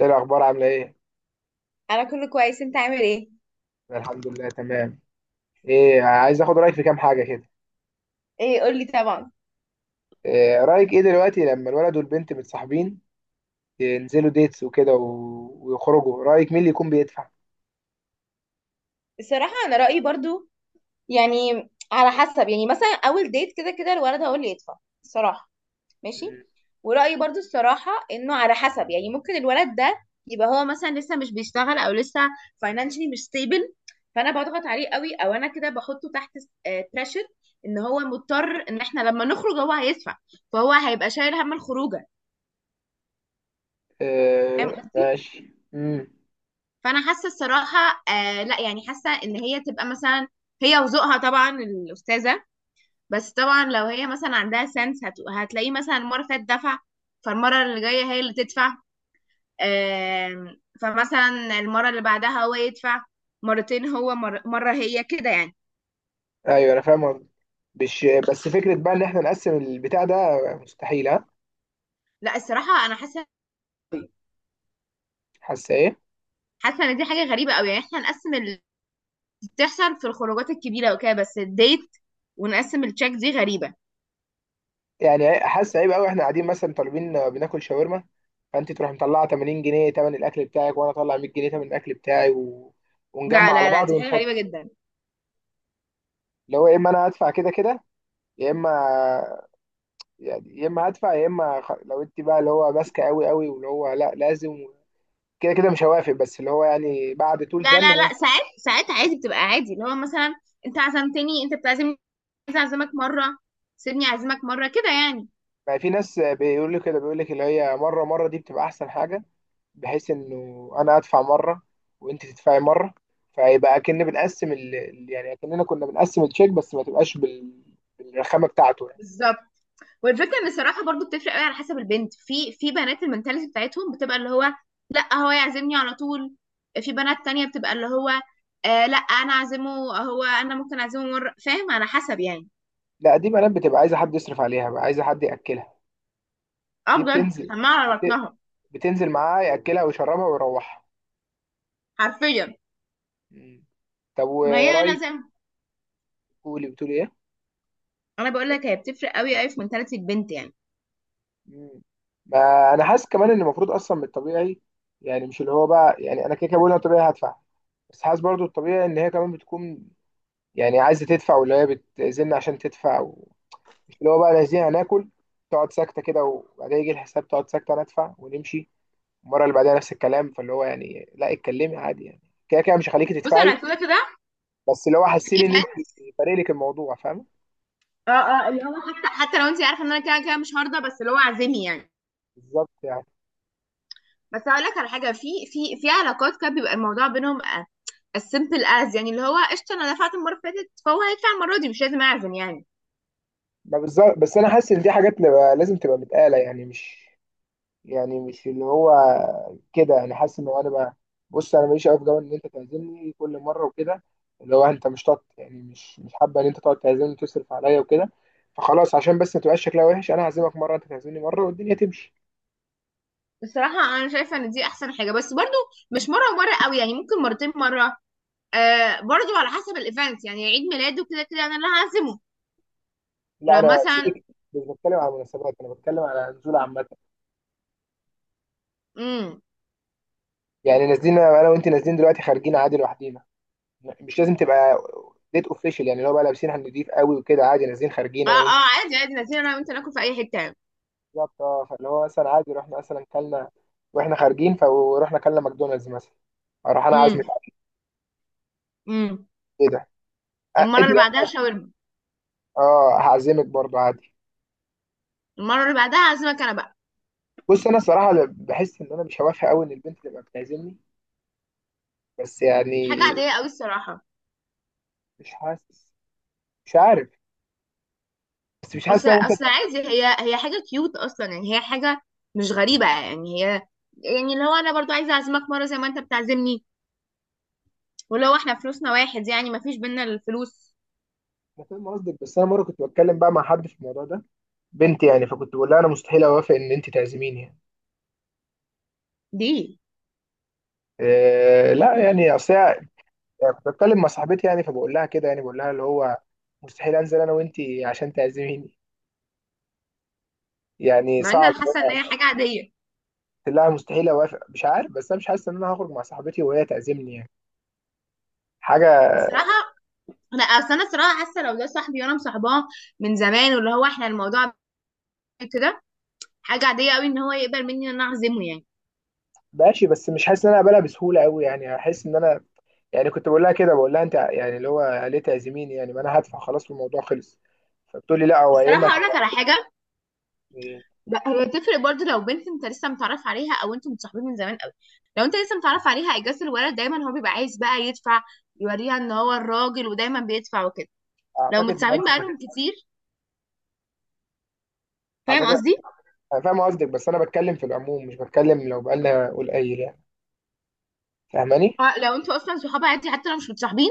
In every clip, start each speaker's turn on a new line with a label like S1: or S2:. S1: ايه الاخبار عامله ايه؟
S2: انا كله كويس، انت عامل ايه؟
S1: أنا الحمد لله تمام. ايه، عايز اخد رايك في كام حاجه كده.
S2: ايه، قول لي طبعا.
S1: إيه رايك ايه دلوقتي لما الولد والبنت متصاحبين، اه، ينزلوا ديتس وكده ويخرجوا، رايك مين اللي يكون بيدفع؟
S2: الصراحه انا رايي برضو يعني على حسب، يعني مثلا اول ديت كده كده الولد هو اللي يدفع الصراحه. ماشي.
S1: مم.
S2: ورايي برضو الصراحه انه على حسب، يعني ممكن الولد ده يبقى هو مثلا لسه مش بيشتغل او لسه فاينانشلي مش ستيبل، فانا بضغط عليه قوي او انا كده بحطه تحت بريشر ان هو مضطر ان احنا لما نخرج هو هيدفع، فهو هيبقى شايل هم الخروجه. فاهم
S1: إيه
S2: قصدي؟
S1: ماشي. مم.
S2: فانا حاسه الصراحه، آه لا، يعني حاسه ان هي تبقى مثلا هي وذوقها طبعا الاستاذه، بس طبعا لو هي مثلا عندها سنس هتلاقيه مثلا المره اللي فاتت دفع، فالمره اللي جايه هي اللي تدفع، فمثلا المره اللي بعدها هو يدفع مرتين، هو مره هي كده يعني.
S1: ايوه انا فاهم قصدك. مش بس فكره بقى ان احنا نقسم البتاع ده؟ مستحيل، ها.
S2: لا الصراحه انا حاسه
S1: حاسه ايه؟
S2: حاسه ان دي حاجه غريبه قوي، يعني احنا نقسم اللي بتحصل في الخروجات الكبيره وكده، بس الديت ونقسم التشيك دي غريبه.
S1: يعني حاسه عيب قوي، احنا قاعدين مثلا طالبين بناكل شاورما، فانت تروح مطلعه 80 جنيه تمن الاكل بتاعك وانا اطلع 100 جنيه تمن الاكل بتاعي ونجمع
S2: لا
S1: على
S2: لا لا،
S1: بعض
S2: دي حاجه غريبه
S1: ونحط،
S2: جدا.
S1: اللي هو يا اما انا هدفع كده كده، يا اما، يعني يا اما هدفع يا اما لو انت بقى اللي هو ماسكه قوي قوي واللي هو لا لازم، كده كده مش هوافق، بس اللي هو يعني بعد طول
S2: لا
S1: زن
S2: لا لا،
S1: ممكن.
S2: ساعات ساعات عادي، بتبقى عادي اللي هو مثلا انت عزمتني، انت بتعزمني، عايز اعزمك مره، سيبني اعزمك مره كده يعني.
S1: ما في ناس بيقول لي كده، بيقول لك اللي هي مره مره دي بتبقى احسن حاجه، بحيث انه انا ادفع مره وانت تدفعي مره، فيبقى اكن بنقسم يعني اكننا كنا بنقسم التشيك، بس ما تبقاش بالرخامه بتاعته يعني.
S2: بالظبط. والفكره ان الصراحه برضو بتفرق قوي على حسب البنت، في بنات المنتاليتي بتاعتهم بتبقى اللي هو لا هو يعزمني على طول، في بنات تانية بتبقى اللي هو آه لا انا اعزمه، هو انا ممكن اعزمه مره، فاهم؟ على حسب يعني.
S1: لا، دي بنات بتبقى عايزه حد يصرف عليها بقى، عايزه حد ياكلها.
S2: اه
S1: دي
S2: بجد،
S1: بتنزل،
S2: حمار على
S1: بت...
S2: بطنها.
S1: بتنزل معاه، ياكلها ويشربها ويروحها.
S2: حرفيا.
S1: مم. طب
S2: ما هي انا زي
S1: ورايك،
S2: ما-
S1: قولي بتقول ايه؟
S2: انا بقول لك هي بتفرق قوي قوي في منتاليتي البنت يعني.
S1: مم. ما انا حاسس كمان ان المفروض اصلا من الطبيعي، يعني مش اللي هو بقى، يعني انا كده كده بقول انا طبيعي هدفع، بس حاسس برضو الطبيعي ان هي كمان بتكون يعني عايزه تدفع، واللي هي بتأذن عشان تدفع، مش اللي هو بقى لازم هناكل، تقعد ساكته كده، وبعدين يجي الحساب تقعد ساكته، ندفع ونمشي. المره اللي بعدها نفس الكلام، فاللي هو يعني لا، اتكلمي عادي يعني، كده كده مش هخليكي
S2: بص
S1: تدفعي،
S2: انا كده كده
S1: بس اللي هو حاسين
S2: في،
S1: ان انت فارق لك الموضوع، فاهمه؟
S2: اه اه، اللي هو حتى لو انت عارفه ان انا كده كده مش هرضى، بس اللي هو عازمي يعني.
S1: بالظبط يعني.
S2: بس هقول لك على حاجه، في في علاقات كده بيبقى الموضوع بينهم السيمبل از، يعني اللي هو قشطه انا دفعت المره اللي فاتت فهو هيدفع المره دي، مش لازم اعزم يعني.
S1: ما بالظبط، بس انا حاسس ان دي حاجات تبقى لازم تبقى متقاله يعني، مش يعني مش اللي هو كده، يعني حاسس ان هو انا بقى، بص انا ماليش قوي في جو ان انت تعزمني كل مره وكده، اللي هو انت مش طاط يعني، مش حابه ان انت تقعد تعزمني وتصرف عليا وكده، فخلاص عشان بس ما تبقاش شكلها وحش، انا هعزمك مره، انت تعزمني مره، والدنيا تمشي.
S2: بصراحه انا شايفه ان دي احسن حاجه، بس برضو مش مره ومره قوي، يعني ممكن مرتين مره. آه برضو على حسب الايفنت، يعني عيد ميلاده كده كده انا اللي هعزمه.
S1: لا
S2: لو
S1: انا
S2: مثلا.
S1: سيبك، مش بتكلم على مناسبات، انا بتكلم على نزول عامه.
S2: امم.
S1: يعني نازلين انا وانت، نازلين دلوقتي خارجين عادي لوحدينا، مش لازم تبقى ديت اوفيشال، يعني اللي هو بقى لابسين هنضيف قوي وكده، عادي نازلين خارجين
S2: اه
S1: انا وانت.
S2: اه، عادي عادي نازلين انا وانت ناكل في اي حته يعني.
S1: بالظبط، اه، فاللي هو مثلا عادي رحنا مثلا كلنا، واحنا خارجين فروحنا كلنا ماكدونالدز مثلا، اروح انا عازمك
S2: امم.
S1: على
S2: امم.
S1: كده.
S2: المره
S1: انت،
S2: اللي بعدها شاورما.
S1: اه هعزمك برضو عادي.
S2: المره اللي بعدها هعزمك انا بقى.
S1: بص انا الصراحه بحس ان انا مش هوافق قوي ان البنت تبقى بتعزمني، بس
S2: حاجة
S1: يعني،
S2: عادية قوي الصراحة.
S1: مش حاسس، مش عارف، بس مش حاسس
S2: اصل
S1: ان انا ممكن.
S2: اصل عادي، هي حاجة كيوت اصلا، يعني هي حاجة مش غريبة يعني، هي يعني اللي هو انا برضو عايزة اعزمك مرة زي ما انت بتعزمني، ولو احنا فلوسنا واحد يعني ما فيش بينا الفلوس
S1: انا فاهم قصدك، بس انا مره كنت بتكلم بقى مع حد في الموضوع ده، بنتي يعني، فكنت بقول لها انا مستحيل اوافق ان انت تعزميني يعني.
S2: دي.
S1: إيه لا، يعني يعني كنت بتكلم مع صاحبتي يعني، فبقول لها كده، يعني بقول لها اللي هو مستحيل انزل انا وانت عشان تعزميني، يعني
S2: مع ان
S1: صعب.
S2: انا حاسة ان هي حاجة عادية
S1: لا مستحيل اوافق، مش عارف، بس انا مش حاسس ان انا هخرج مع صاحبتي وهي تعزمني يعني، حاجه.
S2: الصراحة. انا اصل انا الصراحة حاسة لو ده صاحبي وانا مصاحباه من زمان واللي هو احنا الموضوع كده، حاجة عادية قوي ان هو يقبل مني ان انا اعزمه يعني.
S1: ماشي، بس مش حاسس ان انا اقبلها بسهوله قوي، يعني احس ان انا، يعني كنت بقول لها كده، بقول لها انت يعني اللي هو ليه تعزميني يعني، ما انا هدفع خلاص والموضوع خلص، فبتقول لي لا، هو يا اما
S2: الصراحة اقول لك
S1: تبقى
S2: على حاجة،
S1: يعني.
S2: لا، هي تفرق برضه لو بنت انت لسه متعرف عليها او انتوا متصاحبين من زمان قوي. لو انت لسه متعرف عليها اجازه الولد دايما هو بيبقى عايز بقى يدفع، يوريها ان هو الراجل ودايما بيدفع وكده. لو
S1: اعتقد
S2: متصاحبين بقالهم كتير، فاهم
S1: اعتقد،
S2: قصدي؟
S1: انا فاهم قصدك، بس انا بتكلم في العموم، مش بتكلم لو بقالنا قليل يعني، فاهماني؟
S2: اه، لو انتوا اصلا صحاب عادي حتى لو مش متصاحبين.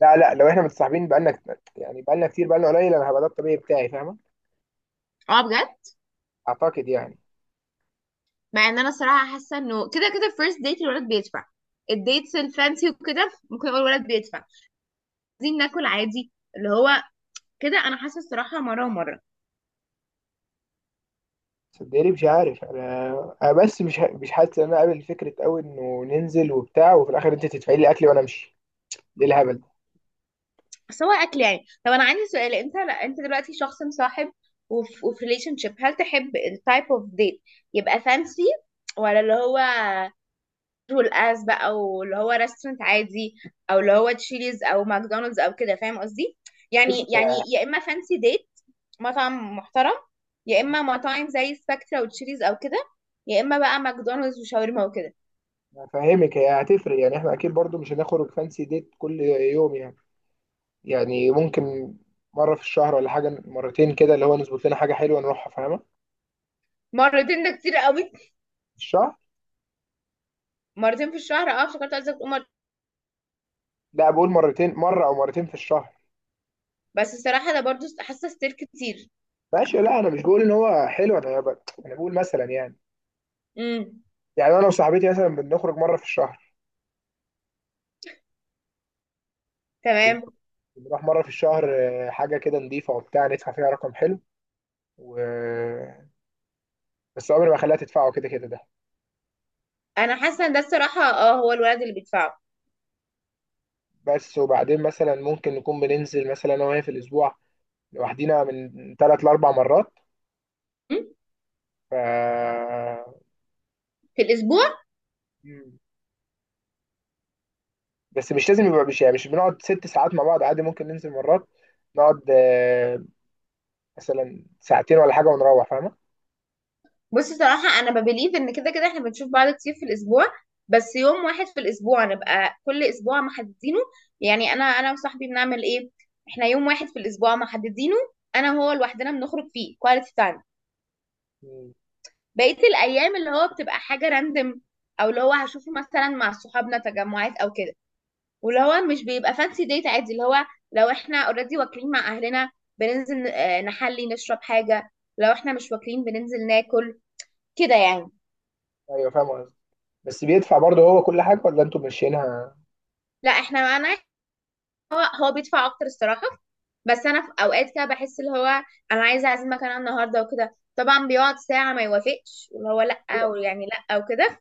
S1: لا لا، لو احنا متصاحبين بقالنا يعني بقالنا كتير، بقالنا قليل، انا هبقى ده الطبيعي بتاعي، فاهمه؟
S2: اه بجد.
S1: اعتقد يعني.
S2: مع ان انا الصراحه حاسه انه كده كده فيرست ديت الولد بيدفع، الديتس الفانسي وكده ممكن يقول الولد بيدفع. عايزين ناكل عادي، اللي هو كده، انا حاسه الصراحه مره ومره.
S1: صدقني مش عارف انا، انا بس مش حاسس ان انا قابل فكره قوي انه ننزل وبتاع وفي الاخر انت تدفعي لي اكلي وانا امشي. ايه الهبل ده؟
S2: بس هو اكل يعني. طب انا عندي سؤال، انت، لا، انت دلوقتي شخص مصاحب وفي ريليشن شيب، هل تحب التايب اوف ديت يبقى فانسي، ولا اللي هو رول اس بقى، او اللي هو ريستورانت عادي، او اللي هو تشيليز او ماكدونالدز او كده؟ فاهم قصدي؟
S1: بس،
S2: يعني يا اما فانسي ديت مطعم محترم، يا اما مطاعم زي سبكترا وتشيليز او كده، يا اما بقى ماكدونالدز وشاورما وكده.
S1: فاهمك، هي هتفرق، يعني احنا اكيد برضو مش هنخرج فانسي ديت كل يوم يعني. يعني ممكن مره في الشهر ولا حاجه، مرتين كده اللي هو نظبط لنا حاجه حلوه نروحها، فاهمه، في
S2: مرتين ده كتير قوي.
S1: الشهر.
S2: مرتين في الشهر، اه افتكرت قصدك تقول مرة.
S1: لا بقول مرتين، مره او مرتين في الشهر.
S2: بس الصراحه ده برضو حاسه ستير كتير.
S1: ماشي، لا انا مش بقول ان هو حلو، انا انا بقول مثلا يعني،
S2: امم.
S1: يعني انا وصاحبتي مثلا بنخرج مره في الشهر،
S2: تمام.
S1: بنروح مرة في الشهر، آه، حاجة كده نضيفة وبتاع، ندفع فيها رقم حلو و... بس عمري ما خليها تدفعه، كده كده ده.
S2: انا حاسه ان ده الصراحه، هو الولد اللي بيدفعه.
S1: بس وبعدين مثلا ممكن نكون بننزل مثلا أنا وهي في الأسبوع لوحدينا من تلات لأربع مرات
S2: م؟
S1: ف...
S2: في الاسبوع.
S1: مم. بس مش لازم يبقى، مش يعني مش بنقعد ست ساعات مع بعض، عادي ممكن ننزل مرات نقعد آه، مثلا ساعتين ولا حاجة ونروح، فاهمة؟
S2: بصي صراحه انا ببليف ان كده كده احنا بنشوف بعض كتير في الاسبوع، بس يوم واحد في الاسبوع نبقى كل اسبوع محددينه. يعني انا وصاحبي بنعمل ايه، احنا يوم واحد في الاسبوع محددينه انا وهو لوحدنا بنخرج فيه كواليتي تايم.
S1: مم.
S2: بقيه الايام اللي هو بتبقى حاجه راندم، او اللي هو هشوفه مثلا مع صحابنا تجمعات او كده. ولو هو مش بيبقى فانسي ديت عادي، اللي هو لو احنا اوريدي واكلين مع اهلنا بننزل نحلي نشرب حاجة، لو احنا مش واكلين بننزل ناكل، كده يعني.
S1: أيوه فاهم قصدي، بس بيدفع برضه هو كل حاجة ولا أنتوا ماشيينها؟
S2: لا احنا معانا. هو هو بيدفع اكتر الصراحة، بس انا في اوقات كده بحس اللي هو انا عايزة اعزمك انا النهاردة وكده، طبعا بيقعد ساعة ما يوافقش واللي هو لا، ويعني لا وكده،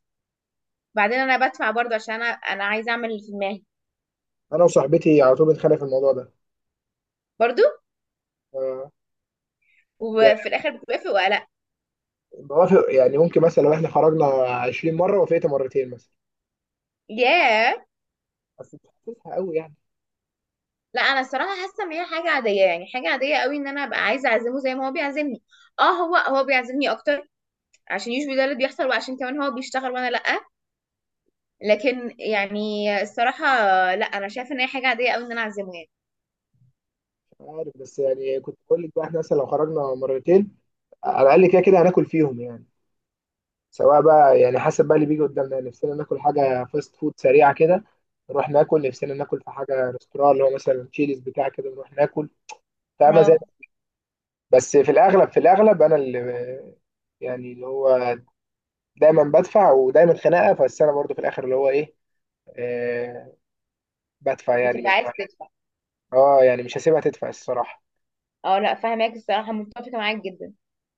S2: بعدين انا بدفع برضه عشان انا عايزة اعمل اللي في دماغي.
S1: أنا وصاحبتي على طول بنتخانق في الموضوع ده.
S2: برضه.
S1: آه.
S2: وفي الاخر بتوافق ولا لا؟
S1: بوافق، يعني ممكن مثلا لو احنا خرجنا 20 مره وافقت مرتين مثلا،
S2: ياه.
S1: بس مش حاسسها قوي يعني.
S2: لا انا الصراحه حاسه ان هي حاجه عاديه، يعني حاجه عاديه قوي ان انا ابقى عايزه اعزمه زي ما هو بيعزمني. اه، هو بيعزمني اكتر عشان يشبه ده اللي بيحصل، وعشان كمان هو بيشتغل وانا لا، لكن يعني الصراحه، لا انا شايفه ان هي حاجه عاديه قوي ان انا اعزمه يعني.
S1: مش عارف، بس يعني كنت بقول لك بقى، احنا مثلا لو خرجنا مرتين على الاقل كده كده هناكل فيهم يعني، سواء بقى يعني حسب بقى اللي بيجي قدامنا يعني. نفسنا ناكل حاجه فاست فود سريعه كده نروح ناكل، نفسنا ناكل في حاجه ريستوران اللي هو مثلا تشيلز بتاع كده نروح ناكل، فاهمه؟ زي،
S2: اه
S1: بس في الاغلب انا اللي، يعني اللي هو دايما بدفع، ودايما خناقه، بس انا برضو في الاخر اللي هو ايه، آه، بدفع يعني،
S2: بتبقى
S1: مش
S2: عايز تدفع.
S1: اه يعني مش هسيبها تدفع الصراحة.
S2: اه لا فاهماك، الصراحه متفقه معاك جدا.